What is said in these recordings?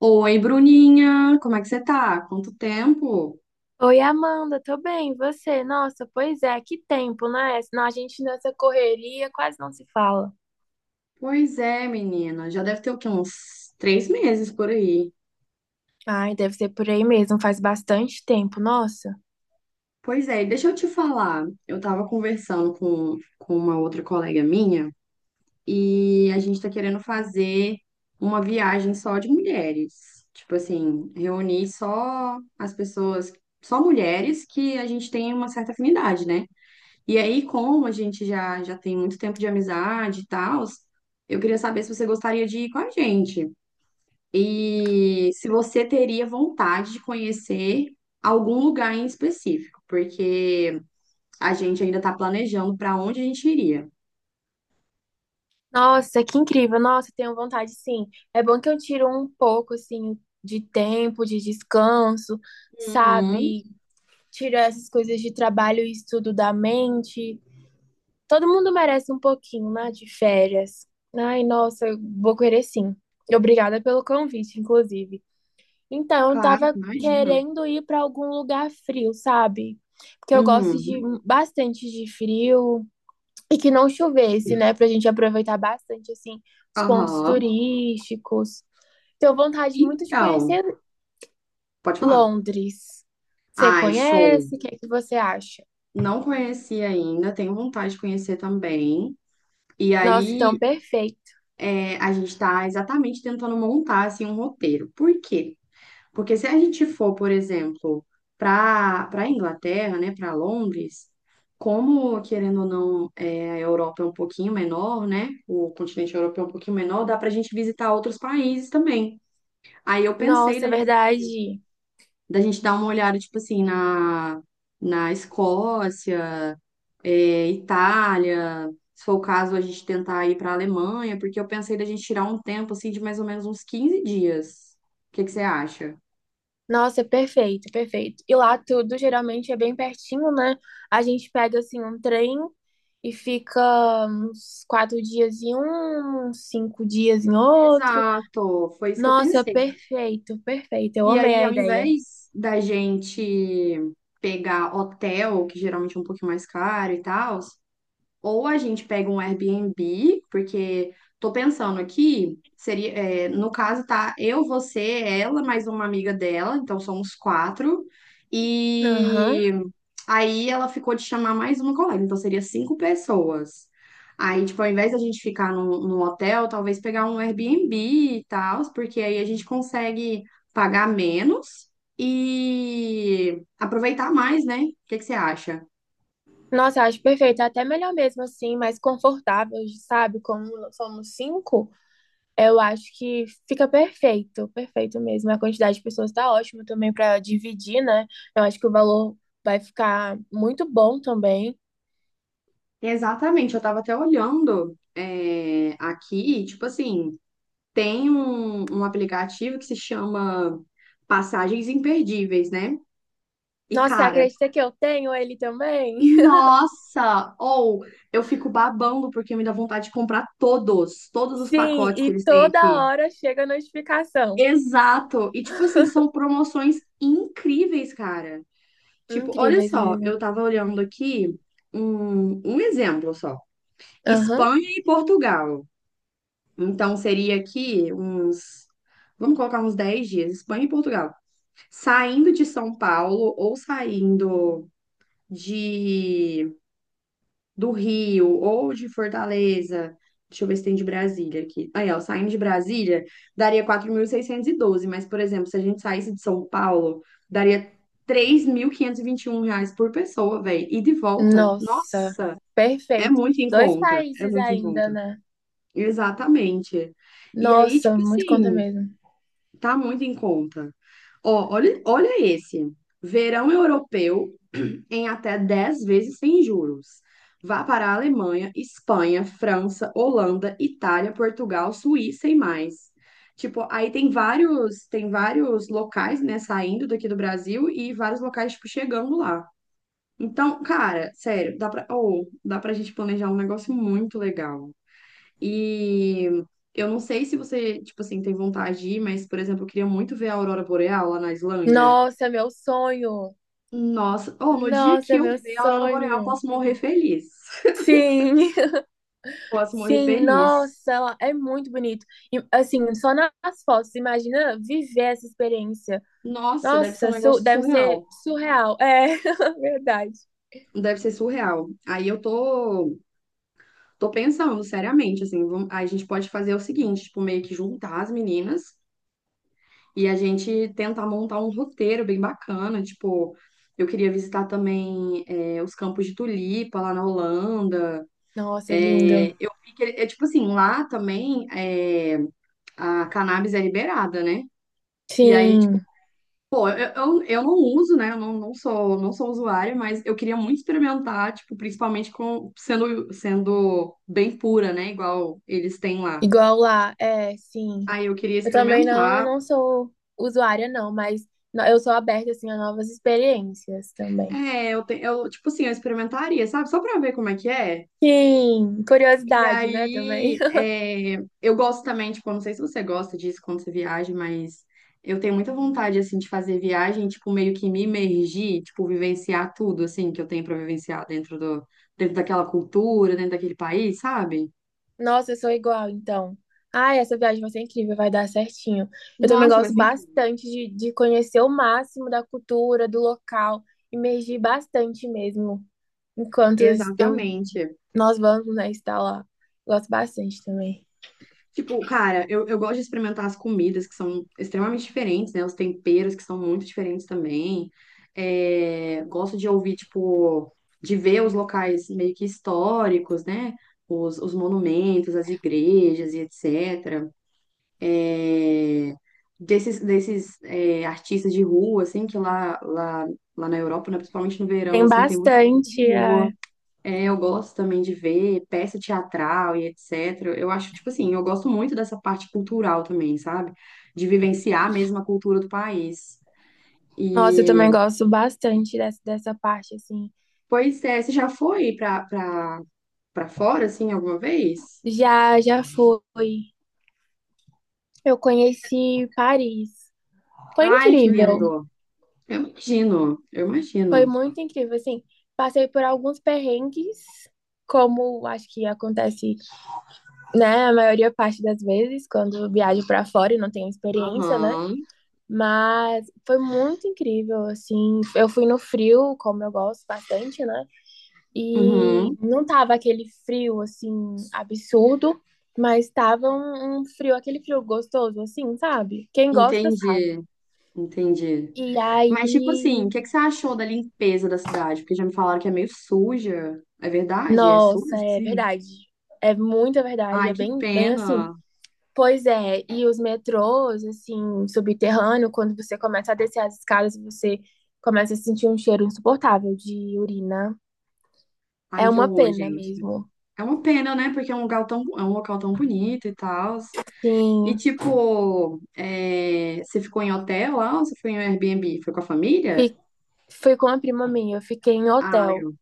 Oi, Bruninha, como é que você tá? Quanto tempo? Oi, Amanda, tô bem, e você? Nossa, pois é, que tempo, né? Senão a gente nessa correria quase não se fala. Pois é, menina, já deve ter o quê? Uns 3 meses por aí. Ai, deve ser por aí mesmo, faz bastante tempo, nossa. Pois é, e deixa eu te falar. Eu tava conversando com uma outra colega minha e a gente tá querendo fazer uma viagem só de mulheres. Tipo assim, reunir só as pessoas, só mulheres que a gente tem uma certa afinidade, né? E aí, como a gente já tem muito tempo de amizade e tal, eu queria saber se você gostaria de ir com a gente. E se você teria vontade de conhecer algum lugar em específico, porque a gente ainda está planejando para onde a gente iria. Nossa, que incrível, nossa, tenho vontade sim. É bom que eu tiro um pouco, assim, de tempo, de descanso, Uhum. sabe? Tiro essas coisas de trabalho e estudo da mente. Todo mundo merece um pouquinho, né, de férias. Ai, nossa, eu vou querer sim. Obrigada pelo convite, inclusive. Então, eu Claro, tava imagino. querendo ir pra algum lugar frio, sabe? Porque eu gosto de Uhum. bastante de frio e que não chovesse, né? Pra gente aproveitar bastante, assim, os pontos Aham. turísticos. Tenho vontade muito de Então, conhecer pode falar. Londres. Você Ai, show. conhece? O que é que você acha? Não conheci ainda, tenho vontade de conhecer também. E Nossa, então aí, perfeito. A gente está exatamente tentando montar assim um roteiro. Por quê? Porque se a gente for, por exemplo, para Inglaterra, né, para Londres, como querendo ou não, a Europa é um pouquinho menor, né? O continente europeu é um pouquinho menor, dá para a gente visitar outros países também. Aí eu pensei Nossa, é da gente, verdade. da gente dar uma olhada, tipo assim, na Escócia, Itália, se for o caso, a gente tentar ir para a Alemanha, porque eu pensei da gente tirar um tempo assim de mais ou menos uns 15 dias. O que que você acha? Nossa, perfeito, perfeito. E lá tudo geralmente é bem pertinho, né? A gente pega assim um trem e fica uns 4 dias em um, uns 5 dias em outro. Exato, foi isso que eu Nossa, pensei. perfeito, perfeito. Eu E amei aí, a ao ideia. invés da gente pegar hotel, que geralmente é um pouquinho mais caro e tal, ou a gente pega um Airbnb, porque tô pensando aqui, seria, no caso, tá eu, você, ela, mais uma amiga dela, então somos quatro. Aham. E aí ela ficou de chamar mais uma colega, então seria 5 pessoas. Aí, tipo, ao invés da gente ficar num hotel, talvez pegar um Airbnb e tal, porque aí a gente consegue pagar menos e aproveitar mais, né? O que que você acha? Nossa, acho perfeito. É até melhor mesmo assim, mais confortável, sabe? Como somos cinco. Eu acho que fica perfeito, perfeito mesmo. A quantidade de pessoas tá ótima também para dividir, né? Eu acho que o valor vai ficar muito bom também. Exatamente, eu tava até olhando aqui, tipo assim, tem um aplicativo que se chama Passagens Imperdíveis, né? E, Nossa, você cara, acredita que eu tenho ele também? nossa! Ou eu fico babando porque me dá vontade de comprar todos, todos os Sim, pacotes que e eles têm toda aqui. hora chega a notificação. Exato! E, tipo assim, são promoções incríveis, cara. Tipo, olha Incríveis só, mesmo. eu tava olhando aqui um exemplo só: Aham. Espanha e Portugal. Então seria aqui uns, vamos colocar uns 10 dias, Espanha e Portugal. Saindo de São Paulo ou saindo de do Rio ou de Fortaleza. Deixa eu ver se tem de Brasília aqui. Aí, ó, saindo de Brasília, daria 4.612, mas, por exemplo, se a gente saísse de São Paulo, daria três mil quinhentos e vinte e um reais por pessoa, velho. E de volta, Nossa, nossa, é perfeito. muito em Dois conta, é países muito em ainda, conta. né? Exatamente. E aí, Nossa, tipo muito conta assim, mesmo. tá muito em conta. Ó, olha, olha esse. Verão europeu em até 10 vezes sem juros. Vá para a Alemanha, Espanha, França, Holanda, Itália, Portugal, Suíça e mais. Tipo, aí tem vários locais, né, saindo daqui do Brasil e vários locais, tipo, chegando lá. Então, cara, sério, dá pra, ou dá pra gente planejar um negócio muito legal. E eu não sei se você, tipo assim, tem vontade de ir, mas, por exemplo, eu queria muito ver a aurora boreal lá na Islândia. Nossa, meu sonho. Nossa, oh, no dia que Nossa, eu meu ver a aurora boreal, eu sonho. posso morrer feliz. Sim. Posso morrer Sim, feliz. nossa, ela é muito bonito. E, assim, só nas fotos, imagina viver essa experiência. Nossa, deve ser um Nossa, negócio deve ser surreal. surreal. É, verdade. Deve ser surreal. Aí eu tô, tô pensando seriamente, assim, vamos- aí a gente pode fazer o seguinte, tipo, meio que juntar as meninas e a gente tentar montar um roteiro bem bacana, tipo, eu queria visitar também os campos de tulipa lá na Holanda. Nossa, é lindo. É, eu vi que, é tipo assim, lá também a cannabis é liberada, né? E aí, tipo, Sim. eu não uso, né? Eu não sou usuária, mas eu queria muito experimentar, tipo, principalmente com, sendo bem pura, né? Igual eles têm lá. Igual lá, é, sim. Aí eu queria Eu também não, experimentar. não sou usuária, não, mas eu sou aberta, assim, a novas experiências também. É, eu, tipo assim, eu experimentaria, sabe? Só pra ver como é que é. Sim, E curiosidade, né, também. aí, é, eu gosto também, tipo, eu não sei se você gosta disso quando você viaja, mas eu tenho muita vontade, assim, de fazer viagem, tipo, meio que me imergir, tipo, vivenciar tudo, assim, que eu tenho pra vivenciar dentro daquela cultura, dentro daquele país, sabe? Nossa, eu sou igual, então. Ai, essa viagem vai ser incrível, vai dar certinho. Eu também Nossa, vai gosto ser incrível. bastante de conhecer o máximo da cultura, do local, imergir bastante mesmo, enquanto eu, Exatamente. nós vamos, né, estar lá. Gosto bastante também. Tipo, cara, eu gosto de experimentar as comidas que são extremamente diferentes, né? Os temperos que são muito diferentes também. É, gosto de ouvir, tipo, de ver os locais meio que históricos, né? Os monumentos, as igrejas e etc. Desses é, artistas de rua, assim, que lá na Europa, né? Principalmente no verão, Tem assim, tem muito artista de bastante. rua. É, eu gosto também de ver peça teatral e etc. Eu acho, tipo assim, eu gosto muito dessa parte cultural também, sabe? De vivenciar mesmo a cultura do país. Nossa, eu também E, gosto bastante dessa parte, assim. pois é, você já foi pra fora, assim, alguma vez? Já, já fui. Eu conheci Paris. Foi Ai, que incrível. lindo! Eu imagino, eu Foi imagino. muito incrível, assim. Passei por alguns perrengues, como acho que acontece, né, a maioria parte das vezes, quando viajo pra fora e não tenho experiência, né? Aham, Mas foi muito incrível, assim. Eu fui no frio, como eu gosto bastante, né? E uhum, não tava aquele frio assim absurdo, mas tava um frio, aquele frio gostoso assim, sabe? Quem gosta sabe. entendi, entendi. E Mas, tipo assim, o aí, que que você achou da limpeza da cidade? Porque já me falaram que é meio suja. É verdade? É suja, nossa, é sim? verdade. É muita verdade, Ai, é que bem, bem assim. pena. Pois é, e os metrôs, assim, subterrâneo, quando você começa a descer as escadas, você começa a sentir um cheiro insuportável de urina. É Ai, que uma horror, pena gente. mesmo. É uma pena, né? Porque é um lugar tão, é um local tão bonito e tal. E, Sim, tipo, é, você ficou em hotel lá ou você foi em Airbnb? Foi com a família? fi- fui com a prima minha, eu fiquei em Ah, hotel. legal.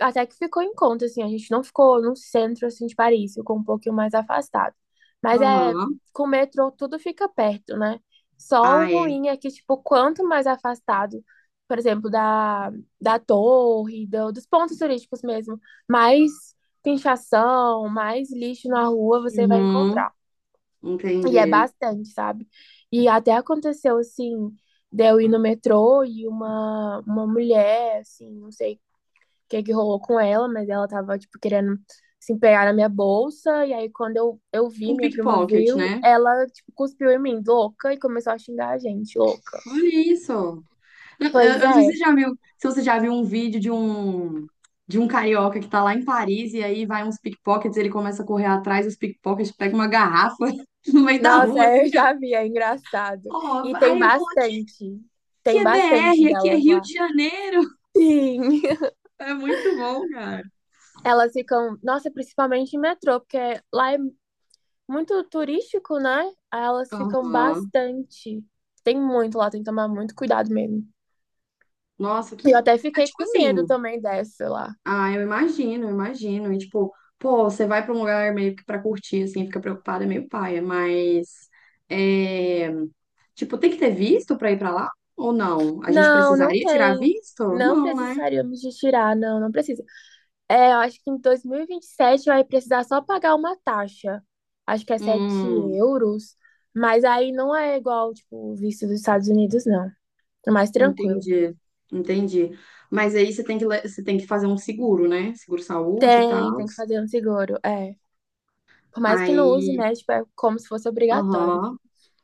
Até que ficou em conta, assim, a gente não ficou no centro, assim, de Paris, ficou um pouquinho mais afastado. Mas é, Aham. com o metrô tudo fica perto, né? Só o Ah, é. ruim é que, tipo, quanto mais afastado, por exemplo, da torre, dos pontos turísticos mesmo, mais pinchação, mais lixo na rua você vai Uhum. encontrar. E é Entendi. bastante, sabe? E até aconteceu, assim, de eu ir no metrô e uma mulher, assim, não sei que é que rolou com ela, mas ela tava, tipo, querendo se empenhar na minha bolsa. E aí, quando eu Tipo vi, um minha prima pickpocket, viu, né? ela, tipo, cuspiu em mim, louca, e começou a xingar a gente, louca. Olha isso. Eu Pois não sei se você é. já viu, se você já viu um vídeo de um, carioca que tá lá em Paris e aí vai uns pickpockets, ele começa a correr atrás dos pickpockets, pega uma garrafa no meio da Nossa, rua, assim, eu já vi, é engraçado. ó, E aí ele falou, aqui tem é bastante BR, aqui é delas Rio lá. de Janeiro. Sim. É muito bom, cara. Elas ficam, nossa, principalmente em metrô, porque lá é muito turístico, né? Aí elas ficam Aham. bastante. Tem muito lá, tem que tomar muito cuidado mesmo. Nossa, que. Eu até É fiquei tipo com medo assim, também dessa lá. ah, eu imagino, eu imagino. E tipo, pô, você vai pra um lugar meio que pra curtir, assim, fica preocupada, é meio paia, mas. É... Tipo, tem que ter visto pra ir pra lá? Ou não? A gente Não, não precisaria tirar tem. visto? Não Não, né? precisaríamos de tirar, não, não precisa. É, eu acho que em dois mil e vinte e sete vai precisar só pagar uma taxa. Acho que é sete Hum, euros. Mas aí não é igual, tipo, o visto dos Estados Unidos, não. É mais tranquilo. entendi, entendi. Mas aí você tem que, você tem que fazer um seguro, né? Seguro saúde e Tem, tal. tem que fazer um seguro. É. Por mais que não Aí use, né? Tipo, é como se fosse obrigatório. aham,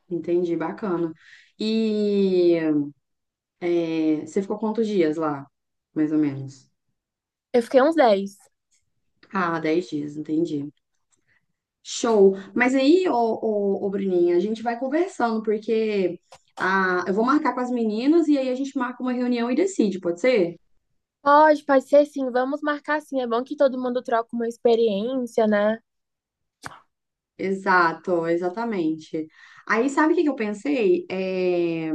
entendi, bacana. E é, você ficou quantos dias lá, mais ou menos? Eu fiquei uns dez. Ah, 10 dias, entendi. Show. Mas aí, ô, ô, ô, Bruninha, a gente vai conversando, porque ah, eu vou marcar com as meninas e aí a gente marca uma reunião e decide, pode ser? Pode, pode ser sim. Vamos marcar sim. É bom que todo mundo troca uma experiência, né? Exato, exatamente. Aí, sabe o que que eu pensei? É,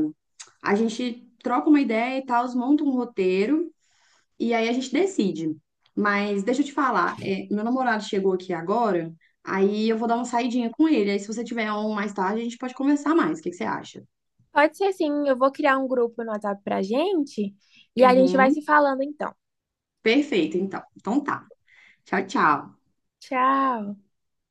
a gente troca uma ideia e tal, monta um roteiro. E aí a gente decide. Mas deixa eu te falar, é, meu namorado chegou aqui agora, aí eu vou dar uma saidinha com ele. Aí se você tiver um mais tarde, a gente pode conversar mais. O que que você acha? Pode ser sim, eu vou criar um grupo no WhatsApp pra gente e a gente vai Uhum. se falando então. Perfeito, então. Então tá. Tchau, tchau. Tchau.